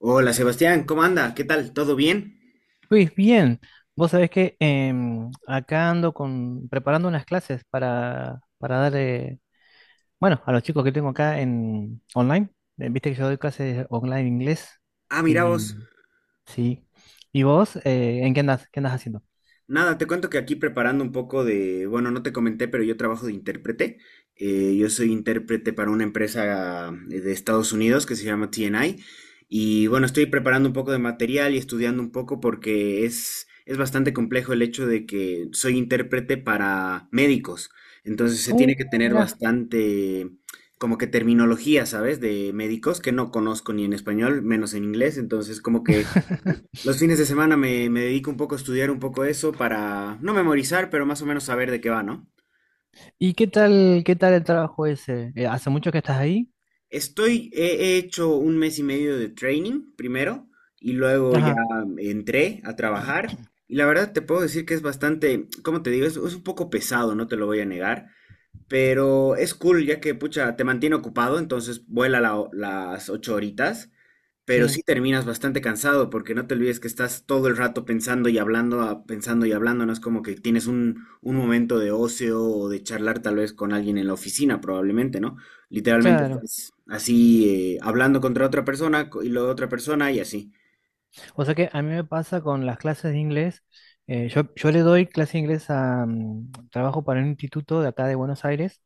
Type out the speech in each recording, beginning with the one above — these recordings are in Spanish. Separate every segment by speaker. Speaker 1: Hola Sebastián, ¿cómo anda? ¿Qué tal? ¿Todo bien?
Speaker 2: Luis, bien, vos sabés que acá ando preparando unas clases para dar, bueno, a los chicos que tengo acá en online. Viste que yo doy clases online en inglés
Speaker 1: Ah, mira
Speaker 2: y
Speaker 1: vos.
Speaker 2: sí. ¿Y vos, en qué andas? ¿Qué andas haciendo?
Speaker 1: Nada, te cuento que aquí preparando un poco de, bueno, no te comenté, pero yo trabajo de intérprete. Yo soy intérprete para una empresa de Estados Unidos que se llama TNI. Y bueno, estoy preparando un poco de material y estudiando un poco porque es bastante complejo el hecho de que soy intérprete para médicos. Entonces se
Speaker 2: Uh,
Speaker 1: tiene que tener
Speaker 2: mirá.
Speaker 1: bastante, como que terminología, ¿sabes? De médicos que no conozco ni en español, menos en inglés. Entonces como que los fines de semana me dedico un poco a estudiar un poco eso para no memorizar, pero más o menos saber de qué va, ¿no?
Speaker 2: ¿Y qué tal el trabajo ese? ¿Hace mucho que estás ahí?
Speaker 1: Estoy, he hecho un mes y medio de training primero y luego ya
Speaker 2: Ajá,
Speaker 1: entré a trabajar y la verdad te puedo decir que es bastante, ¿cómo te digo? Es un poco pesado, no te lo voy a negar, pero es cool ya que, pucha, te mantiene ocupado, entonces vuela las ocho horitas. Pero
Speaker 2: sí,
Speaker 1: sí terminas bastante cansado porque no te olvides que estás todo el rato pensando y hablando, ah, pensando y hablando, no es como que tienes un momento de ocio o de charlar tal vez con alguien en la oficina, probablemente, ¿no? Literalmente
Speaker 2: claro.
Speaker 1: estás así hablando contra otra persona y la otra persona y así.
Speaker 2: O sea que a mí me pasa con las clases de inglés. Yo le doy clase de inglés trabajo para un instituto de acá de Buenos Aires.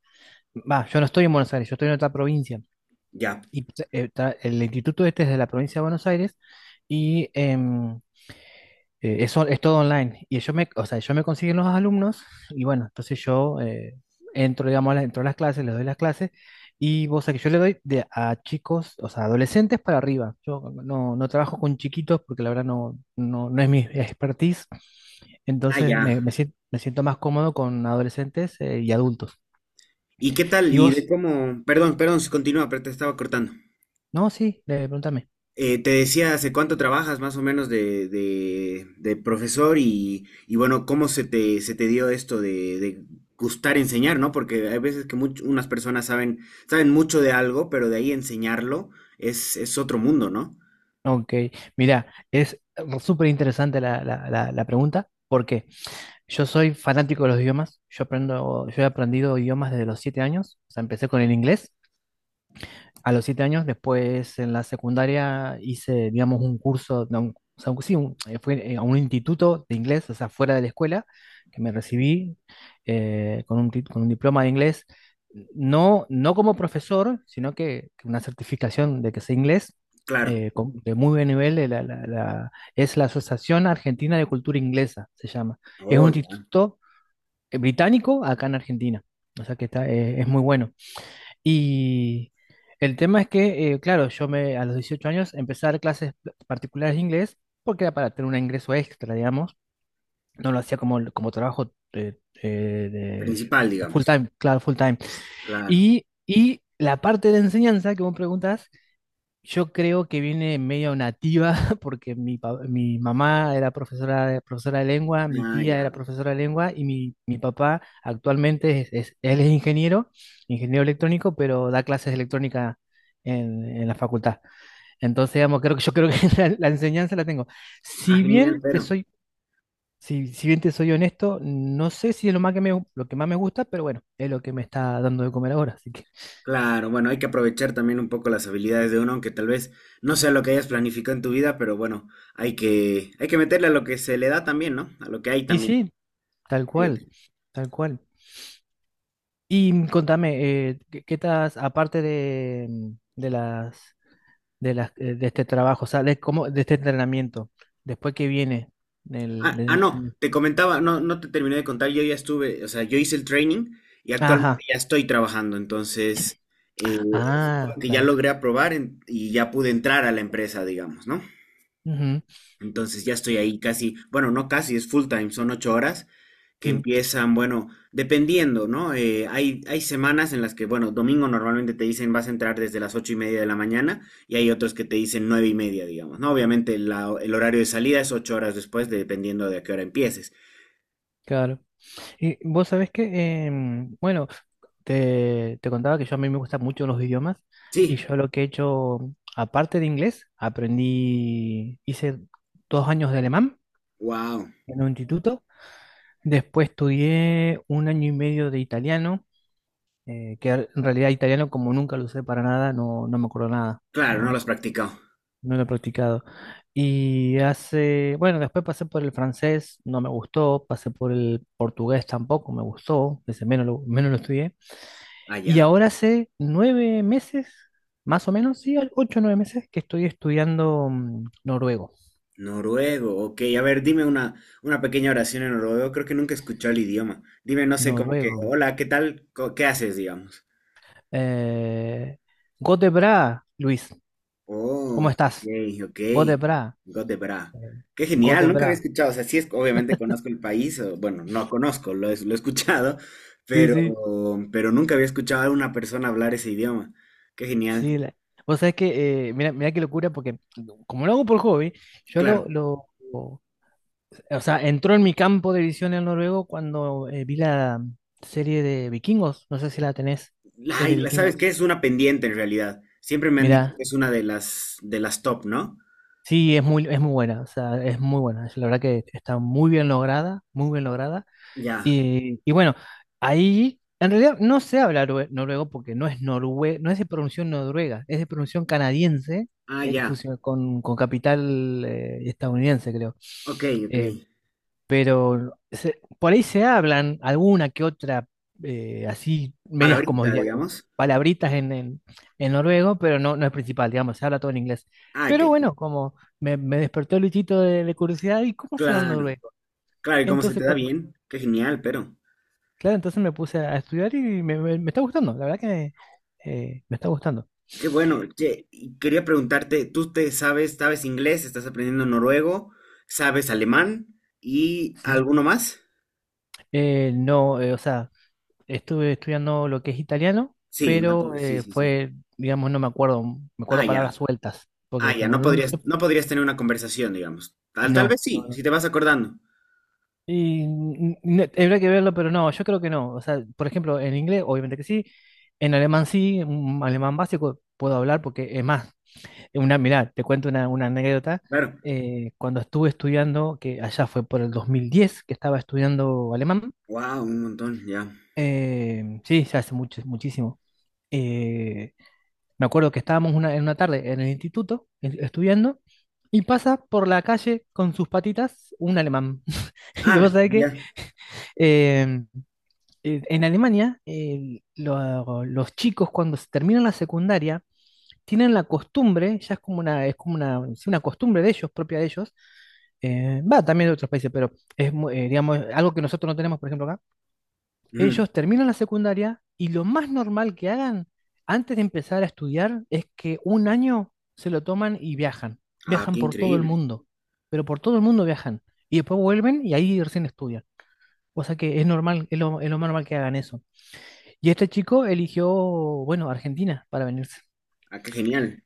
Speaker 2: Va, yo no estoy en Buenos Aires, yo estoy en otra provincia.
Speaker 1: Ya.
Speaker 2: Y el instituto este es de la provincia de Buenos Aires. Y eso es todo online. Y o sea, ellos me consiguen los alumnos y bueno, entonces yo entro, digamos, entro a las clases, les doy las clases y vos sabés que yo le doy a chicos, o sea, adolescentes para arriba. Yo no trabajo con chiquitos porque la verdad no es mi expertise.
Speaker 1: Ah,
Speaker 2: Entonces
Speaker 1: ya.
Speaker 2: me siento más cómodo con adolescentes y adultos.
Speaker 1: ¿Y qué tal?
Speaker 2: ¿Y
Speaker 1: ¿Y de
Speaker 2: vos?
Speaker 1: cómo? Perdón, perdón, continúa, pero te estaba cortando.
Speaker 2: No, sí, pregúntame.
Speaker 1: Te decía hace cuánto trabajas más o menos de profesor y bueno, cómo se te dio esto de gustar enseñar, ¿no? Porque hay veces que unas personas saben, saben mucho de algo, pero de ahí enseñarlo es otro mundo, ¿no?
Speaker 2: Ok, mira, es súper interesante la pregunta. ¿Por qué? Yo soy fanático de los idiomas. Yo he aprendido idiomas desde los 7 años. O sea, empecé con el inglés a los 7 años. Después en la secundaria hice, digamos, un curso, no, fui a un instituto de inglés, o sea, fuera de la escuela, que me recibí con con un diploma de inglés. No, no como profesor, sino que una certificación de que sé inglés
Speaker 1: Claro.
Speaker 2: de muy buen nivel. Es la Asociación Argentina de Cultura Inglesa, se llama. Es un
Speaker 1: Oh, ya.
Speaker 2: instituto británico acá en Argentina. O sea que es muy bueno. Y el tema es que, claro, yo a los 18 años empecé a dar clases particulares de inglés porque era para tener un ingreso extra, digamos. No lo hacía como trabajo
Speaker 1: Principal,
Speaker 2: de full
Speaker 1: digamos.
Speaker 2: time, claro, full time.
Speaker 1: Claro.
Speaker 2: Y la parte de enseñanza que vos preguntás yo creo que viene medio nativa, porque mi mamá era profesora, profesora de lengua, mi
Speaker 1: Ah,
Speaker 2: tía
Speaker 1: ya.
Speaker 2: era profesora de lengua y mi papá actualmente él es ingeniero, ingeniero electrónico, pero da clases de electrónica en la facultad. Entonces, digamos, creo que yo creo que la enseñanza la tengo.
Speaker 1: Ah,
Speaker 2: Si
Speaker 1: genial,
Speaker 2: bien te
Speaker 1: pero.
Speaker 2: soy, si, si bien te soy honesto, no sé si es lo más que lo que más me gusta, pero bueno, es lo que me está dando de comer ahora. Así que,
Speaker 1: Claro, bueno, hay que aprovechar también un poco las habilidades de uno, aunque tal vez no sea lo que hayas planificado en tu vida, pero bueno, hay que meterle a lo que se le da también, ¿no? A lo que hay
Speaker 2: y
Speaker 1: también.
Speaker 2: sí, tal cual,
Speaker 1: Fíjate.
Speaker 2: tal cual. Y contame, ¿qué estás, aparte de las, de este trabajo, o sea, de cómo, de este entrenamiento, después que viene, del,
Speaker 1: Ah,
Speaker 2: de-
Speaker 1: no,
Speaker 2: mm,
Speaker 1: te comentaba, no, no te terminé de contar, yo ya estuve, o sea, yo hice el training y actualmente
Speaker 2: ajá,
Speaker 1: ya estoy trabajando, entonces, eh, es como
Speaker 2: ah,
Speaker 1: que ya
Speaker 2: claro,
Speaker 1: logré aprobar y ya pude entrar a la empresa, digamos, ¿no?
Speaker 2: ujú,
Speaker 1: Entonces ya estoy ahí casi, bueno, no casi, es full time, son 8 horas que
Speaker 2: sí,
Speaker 1: empiezan, bueno, dependiendo, ¿no? Hay, hay semanas en las que, bueno, domingo normalmente te dicen vas a entrar desde las 8:30 de la mañana y hay otros que te dicen 9:30, digamos, ¿no? Obviamente el horario de salida es 8 horas después, dependiendo de a qué hora empieces.
Speaker 2: claro. Y vos sabés que, bueno, te contaba que yo a mí me gustan mucho los idiomas y
Speaker 1: Sí,
Speaker 2: yo lo que he hecho, aparte de inglés, hice 2 años de alemán
Speaker 1: wow,
Speaker 2: en un instituto. Después estudié un año y medio de italiano, que en realidad italiano como nunca lo usé para nada, no me acuerdo nada,
Speaker 1: claro, no lo
Speaker 2: no,
Speaker 1: has practicado.
Speaker 2: no lo he practicado. Y bueno, después pasé por el francés, no me gustó, pasé por el portugués tampoco me gustó, ese menos lo estudié.
Speaker 1: Allá,
Speaker 2: Y ahora hace 9 meses, más o menos, sí, 8 o 9 meses que estoy estudiando noruego.
Speaker 1: noruego, ok, a ver, dime una pequeña oración en noruego, creo que nunca he escuchado el idioma. Dime, no sé, como que,
Speaker 2: Noruego.
Speaker 1: hola, ¿qué tal? ¿Qué haces, digamos?
Speaker 2: Eh, Godebra, Luis,
Speaker 1: Oh,
Speaker 2: ¿cómo
Speaker 1: ok,
Speaker 2: estás?
Speaker 1: ok.
Speaker 2: Godebra.
Speaker 1: Got the Bra.
Speaker 2: Eh,
Speaker 1: Qué genial, nunca había
Speaker 2: Gotebra.
Speaker 1: escuchado. O sea, sí, obviamente conozco el país, o, bueno, no conozco, lo he escuchado,
Speaker 2: Sí,
Speaker 1: pero,
Speaker 2: sí,
Speaker 1: pero nunca había escuchado a una persona hablar ese idioma. Qué genial.
Speaker 2: sí. Vos sabés que, mira, mira qué locura, porque como lo hago por hobby, yo lo,
Speaker 1: Claro.
Speaker 2: lo, o sea, entró en mi campo de visión el noruego cuando vi la serie de Vikingos. No sé si la tenés,
Speaker 1: Ay,
Speaker 2: serie
Speaker 1: ¿sabes
Speaker 2: Vikingos.
Speaker 1: qué? Es una pendiente en realidad. Siempre me han dicho
Speaker 2: Mira,
Speaker 1: que es una de las top, ¿no?
Speaker 2: sí, es muy buena, o sea, es muy buena. La verdad que está muy bien lograda, muy bien lograda.
Speaker 1: Ya.
Speaker 2: Y bueno, ahí en realidad no se habla noruego porque no es de pronunciación noruega, es de pronunciación canadiense,
Speaker 1: Ah, ya.
Speaker 2: con capital estadounidense, creo.
Speaker 1: Ok, ok.
Speaker 2: Eh, pero por ahí se hablan alguna que otra, así, medias como
Speaker 1: Palabrita,
Speaker 2: diálogos,
Speaker 1: digamos.
Speaker 2: palabritas en noruego, pero no es principal, digamos, se habla todo en inglés.
Speaker 1: Ah, ok.
Speaker 2: Pero bueno, como me despertó el bichito de curiosidad, ¿y cómo será el
Speaker 1: Claro.
Speaker 2: noruego?
Speaker 1: Claro, y cómo se te
Speaker 2: Entonces,
Speaker 1: da bien. Qué genial, pero.
Speaker 2: Claro, entonces me puse a estudiar y me está gustando, la verdad que me está gustando.
Speaker 1: Qué bueno.
Speaker 2: Y-
Speaker 1: Che, y quería preguntarte, ¿tú sabes inglés, estás aprendiendo noruego, sabes alemán y
Speaker 2: Sí.
Speaker 1: alguno más?
Speaker 2: No, o sea, estuve estudiando lo que es italiano,
Speaker 1: Sí,
Speaker 2: pero
Speaker 1: sí, sí, sí.
Speaker 2: fue, digamos, no me acuerdo, me
Speaker 1: Ah,
Speaker 2: acuerdo
Speaker 1: ya.
Speaker 2: palabras sueltas,
Speaker 1: Ah,
Speaker 2: porque
Speaker 1: ya,
Speaker 2: como
Speaker 1: no
Speaker 2: no lo usé,
Speaker 1: podrías, no podrías tener una conversación, digamos. Tal
Speaker 2: no.
Speaker 1: vez
Speaker 2: No,
Speaker 1: sí,
Speaker 2: no.
Speaker 1: si te vas acordando.
Speaker 2: Y habría que verlo, pero no, yo creo que no. O sea, por ejemplo, en inglés, obviamente que sí, en alemán sí, un alemán básico puedo hablar porque es más. Mirá, te cuento una anécdota.
Speaker 1: Claro.
Speaker 2: Cuando estuve estudiando, que allá fue por el 2010 que estaba estudiando alemán,
Speaker 1: Wow, un montón, ya.
Speaker 2: sí, ya hace mucho, muchísimo. Eh, me acuerdo que estábamos en una tarde en el instituto estudiando y pasa por la calle con sus patitas un alemán. Y
Speaker 1: Ah,
Speaker 2: vos sabés que
Speaker 1: ya.
Speaker 2: eh, en Alemania los chicos cuando se terminan la secundaria tienen la costumbre, ya es como una, sí, una costumbre de ellos, propia de ellos, va también de otros países, pero digamos, algo que nosotros no tenemos, por ejemplo, acá.
Speaker 1: Ujú.
Speaker 2: Ellos terminan la secundaria y lo más normal que hagan antes de empezar a estudiar es que un año se lo toman y viajan.
Speaker 1: Ah, qué
Speaker 2: Viajan por todo el
Speaker 1: increíble.
Speaker 2: mundo, pero por todo el mundo viajan. Y después vuelven y ahí recién estudian. O sea que es normal, es lo más normal que hagan eso. Y este chico eligió, bueno, Argentina para venirse.
Speaker 1: Ah, qué genial.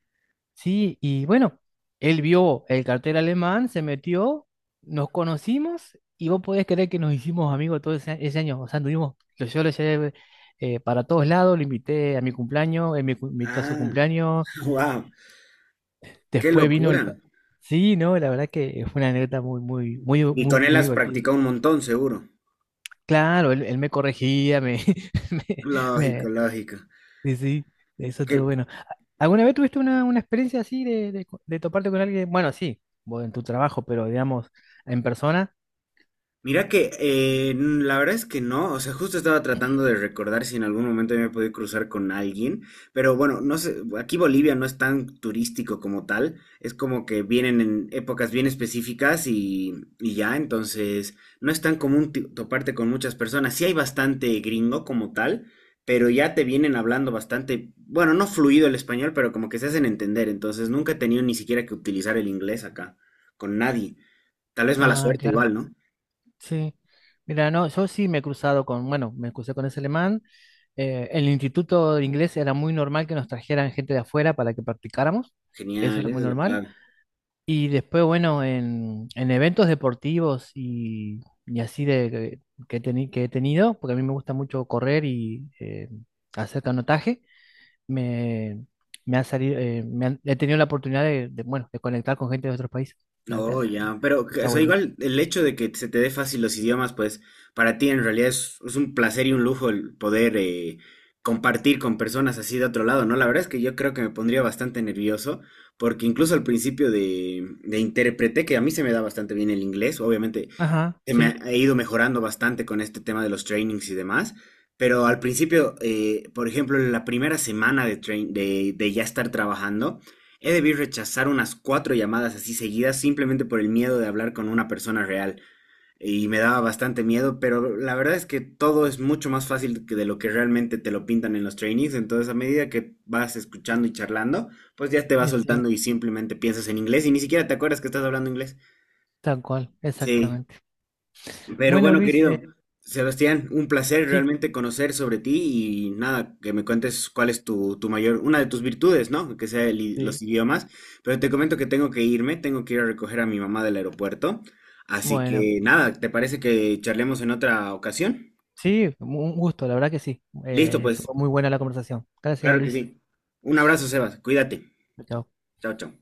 Speaker 2: Sí, y bueno, él vio el cartel alemán, se metió, nos conocimos y vos podés creer que nos hicimos amigos todo ese año. O sea, anduvimos, yo lo llevé para todos lados, lo invité a mi cumpleaños, él me invitó a su
Speaker 1: Ah,
Speaker 2: cumpleaños,
Speaker 1: wow, qué
Speaker 2: después vino el.
Speaker 1: locura.
Speaker 2: Sí, no, la verdad que fue una anécdota muy, muy, muy,
Speaker 1: Y
Speaker 2: muy,
Speaker 1: con él
Speaker 2: muy
Speaker 1: has
Speaker 2: divertida.
Speaker 1: practicado un montón, seguro.
Speaker 2: Claro, él me corregía,
Speaker 1: Lógico,
Speaker 2: me,
Speaker 1: lógico.
Speaker 2: Sí, sí, eso
Speaker 1: Qué,
Speaker 2: estuvo bueno. ¿Alguna vez tuviste una experiencia así de toparte con alguien? Bueno, sí, vos en tu trabajo, pero digamos, en persona.
Speaker 1: Mira que la verdad es que no, o sea, justo estaba tratando de recordar si en algún momento me he podido cruzar con alguien, pero bueno, no sé, aquí Bolivia no es tan turístico como tal, es como que vienen en épocas bien específicas y ya, entonces no es tan común toparte con muchas personas, sí hay bastante gringo como tal, pero ya te vienen hablando bastante, bueno, no fluido el español, pero como que se hacen entender, entonces nunca he tenido ni siquiera que utilizar el inglés acá, con nadie, tal vez mala
Speaker 2: Ah,
Speaker 1: suerte
Speaker 2: claro,
Speaker 1: igual, ¿no?
Speaker 2: sí. Mira, no, yo sí me he cruzado con, bueno, me crucé con ese alemán. En el instituto de inglés era muy normal que nos trajeran gente de afuera para que practicáramos. Eso
Speaker 1: Genial,
Speaker 2: era
Speaker 1: esa
Speaker 2: muy
Speaker 1: es la
Speaker 2: normal.
Speaker 1: clave.
Speaker 2: Y después, bueno, en eventos deportivos y así que he tenido, porque a mí me gusta mucho correr y hacer canotaje. me, me ha salido, he tenido la oportunidad bueno, de conectar con gente de otros países. La
Speaker 1: Oh,
Speaker 2: verdad,
Speaker 1: ya, pero
Speaker 2: está
Speaker 1: o sea,
Speaker 2: bueno.
Speaker 1: igual el hecho de que se te dé fácil los idiomas, pues para ti en realidad es un placer y un lujo el poder compartir con personas así de otro lado, ¿no? La verdad es que yo creo que me pondría bastante nervioso, porque incluso al principio de intérprete, que a mí se me da bastante bien el inglés, obviamente
Speaker 2: Ajá, sí,
Speaker 1: he ido mejorando bastante con este tema de los trainings y demás, pero al principio, por ejemplo, en la primera semana de ya estar trabajando, he debido rechazar unas cuatro llamadas así seguidas simplemente por el miedo de hablar con una persona real. Y me daba bastante miedo, pero la verdad es que todo es mucho más fácil que de lo que realmente te lo pintan en los trainings. Entonces, a medida que vas escuchando y charlando, pues ya te vas
Speaker 2: y sí,
Speaker 1: soltando y simplemente piensas en inglés y ni siquiera te acuerdas que estás hablando inglés.
Speaker 2: tal cual,
Speaker 1: Sí.
Speaker 2: exactamente.
Speaker 1: Pero
Speaker 2: Bueno,
Speaker 1: bueno,
Speaker 2: Luis,
Speaker 1: querido Sebastián, un placer
Speaker 2: sí,
Speaker 1: realmente conocer sobre ti y nada, que me cuentes cuál es tu, tu mayor, una de tus virtudes, ¿no? Que sea los
Speaker 2: sí,
Speaker 1: idiomas. Pero te comento que tengo que irme, tengo que ir a recoger a mi mamá del aeropuerto. Así
Speaker 2: bueno,
Speaker 1: que nada, ¿te parece que charlemos en otra ocasión?
Speaker 2: sí, un gusto, la verdad que sí.
Speaker 1: Listo,
Speaker 2: Eh,
Speaker 1: pues,
Speaker 2: estuvo muy buena la conversación. Gracias,
Speaker 1: claro que
Speaker 2: Luis.
Speaker 1: sí. Un abrazo, Sebas, cuídate.
Speaker 2: Chao.
Speaker 1: Chao, chao.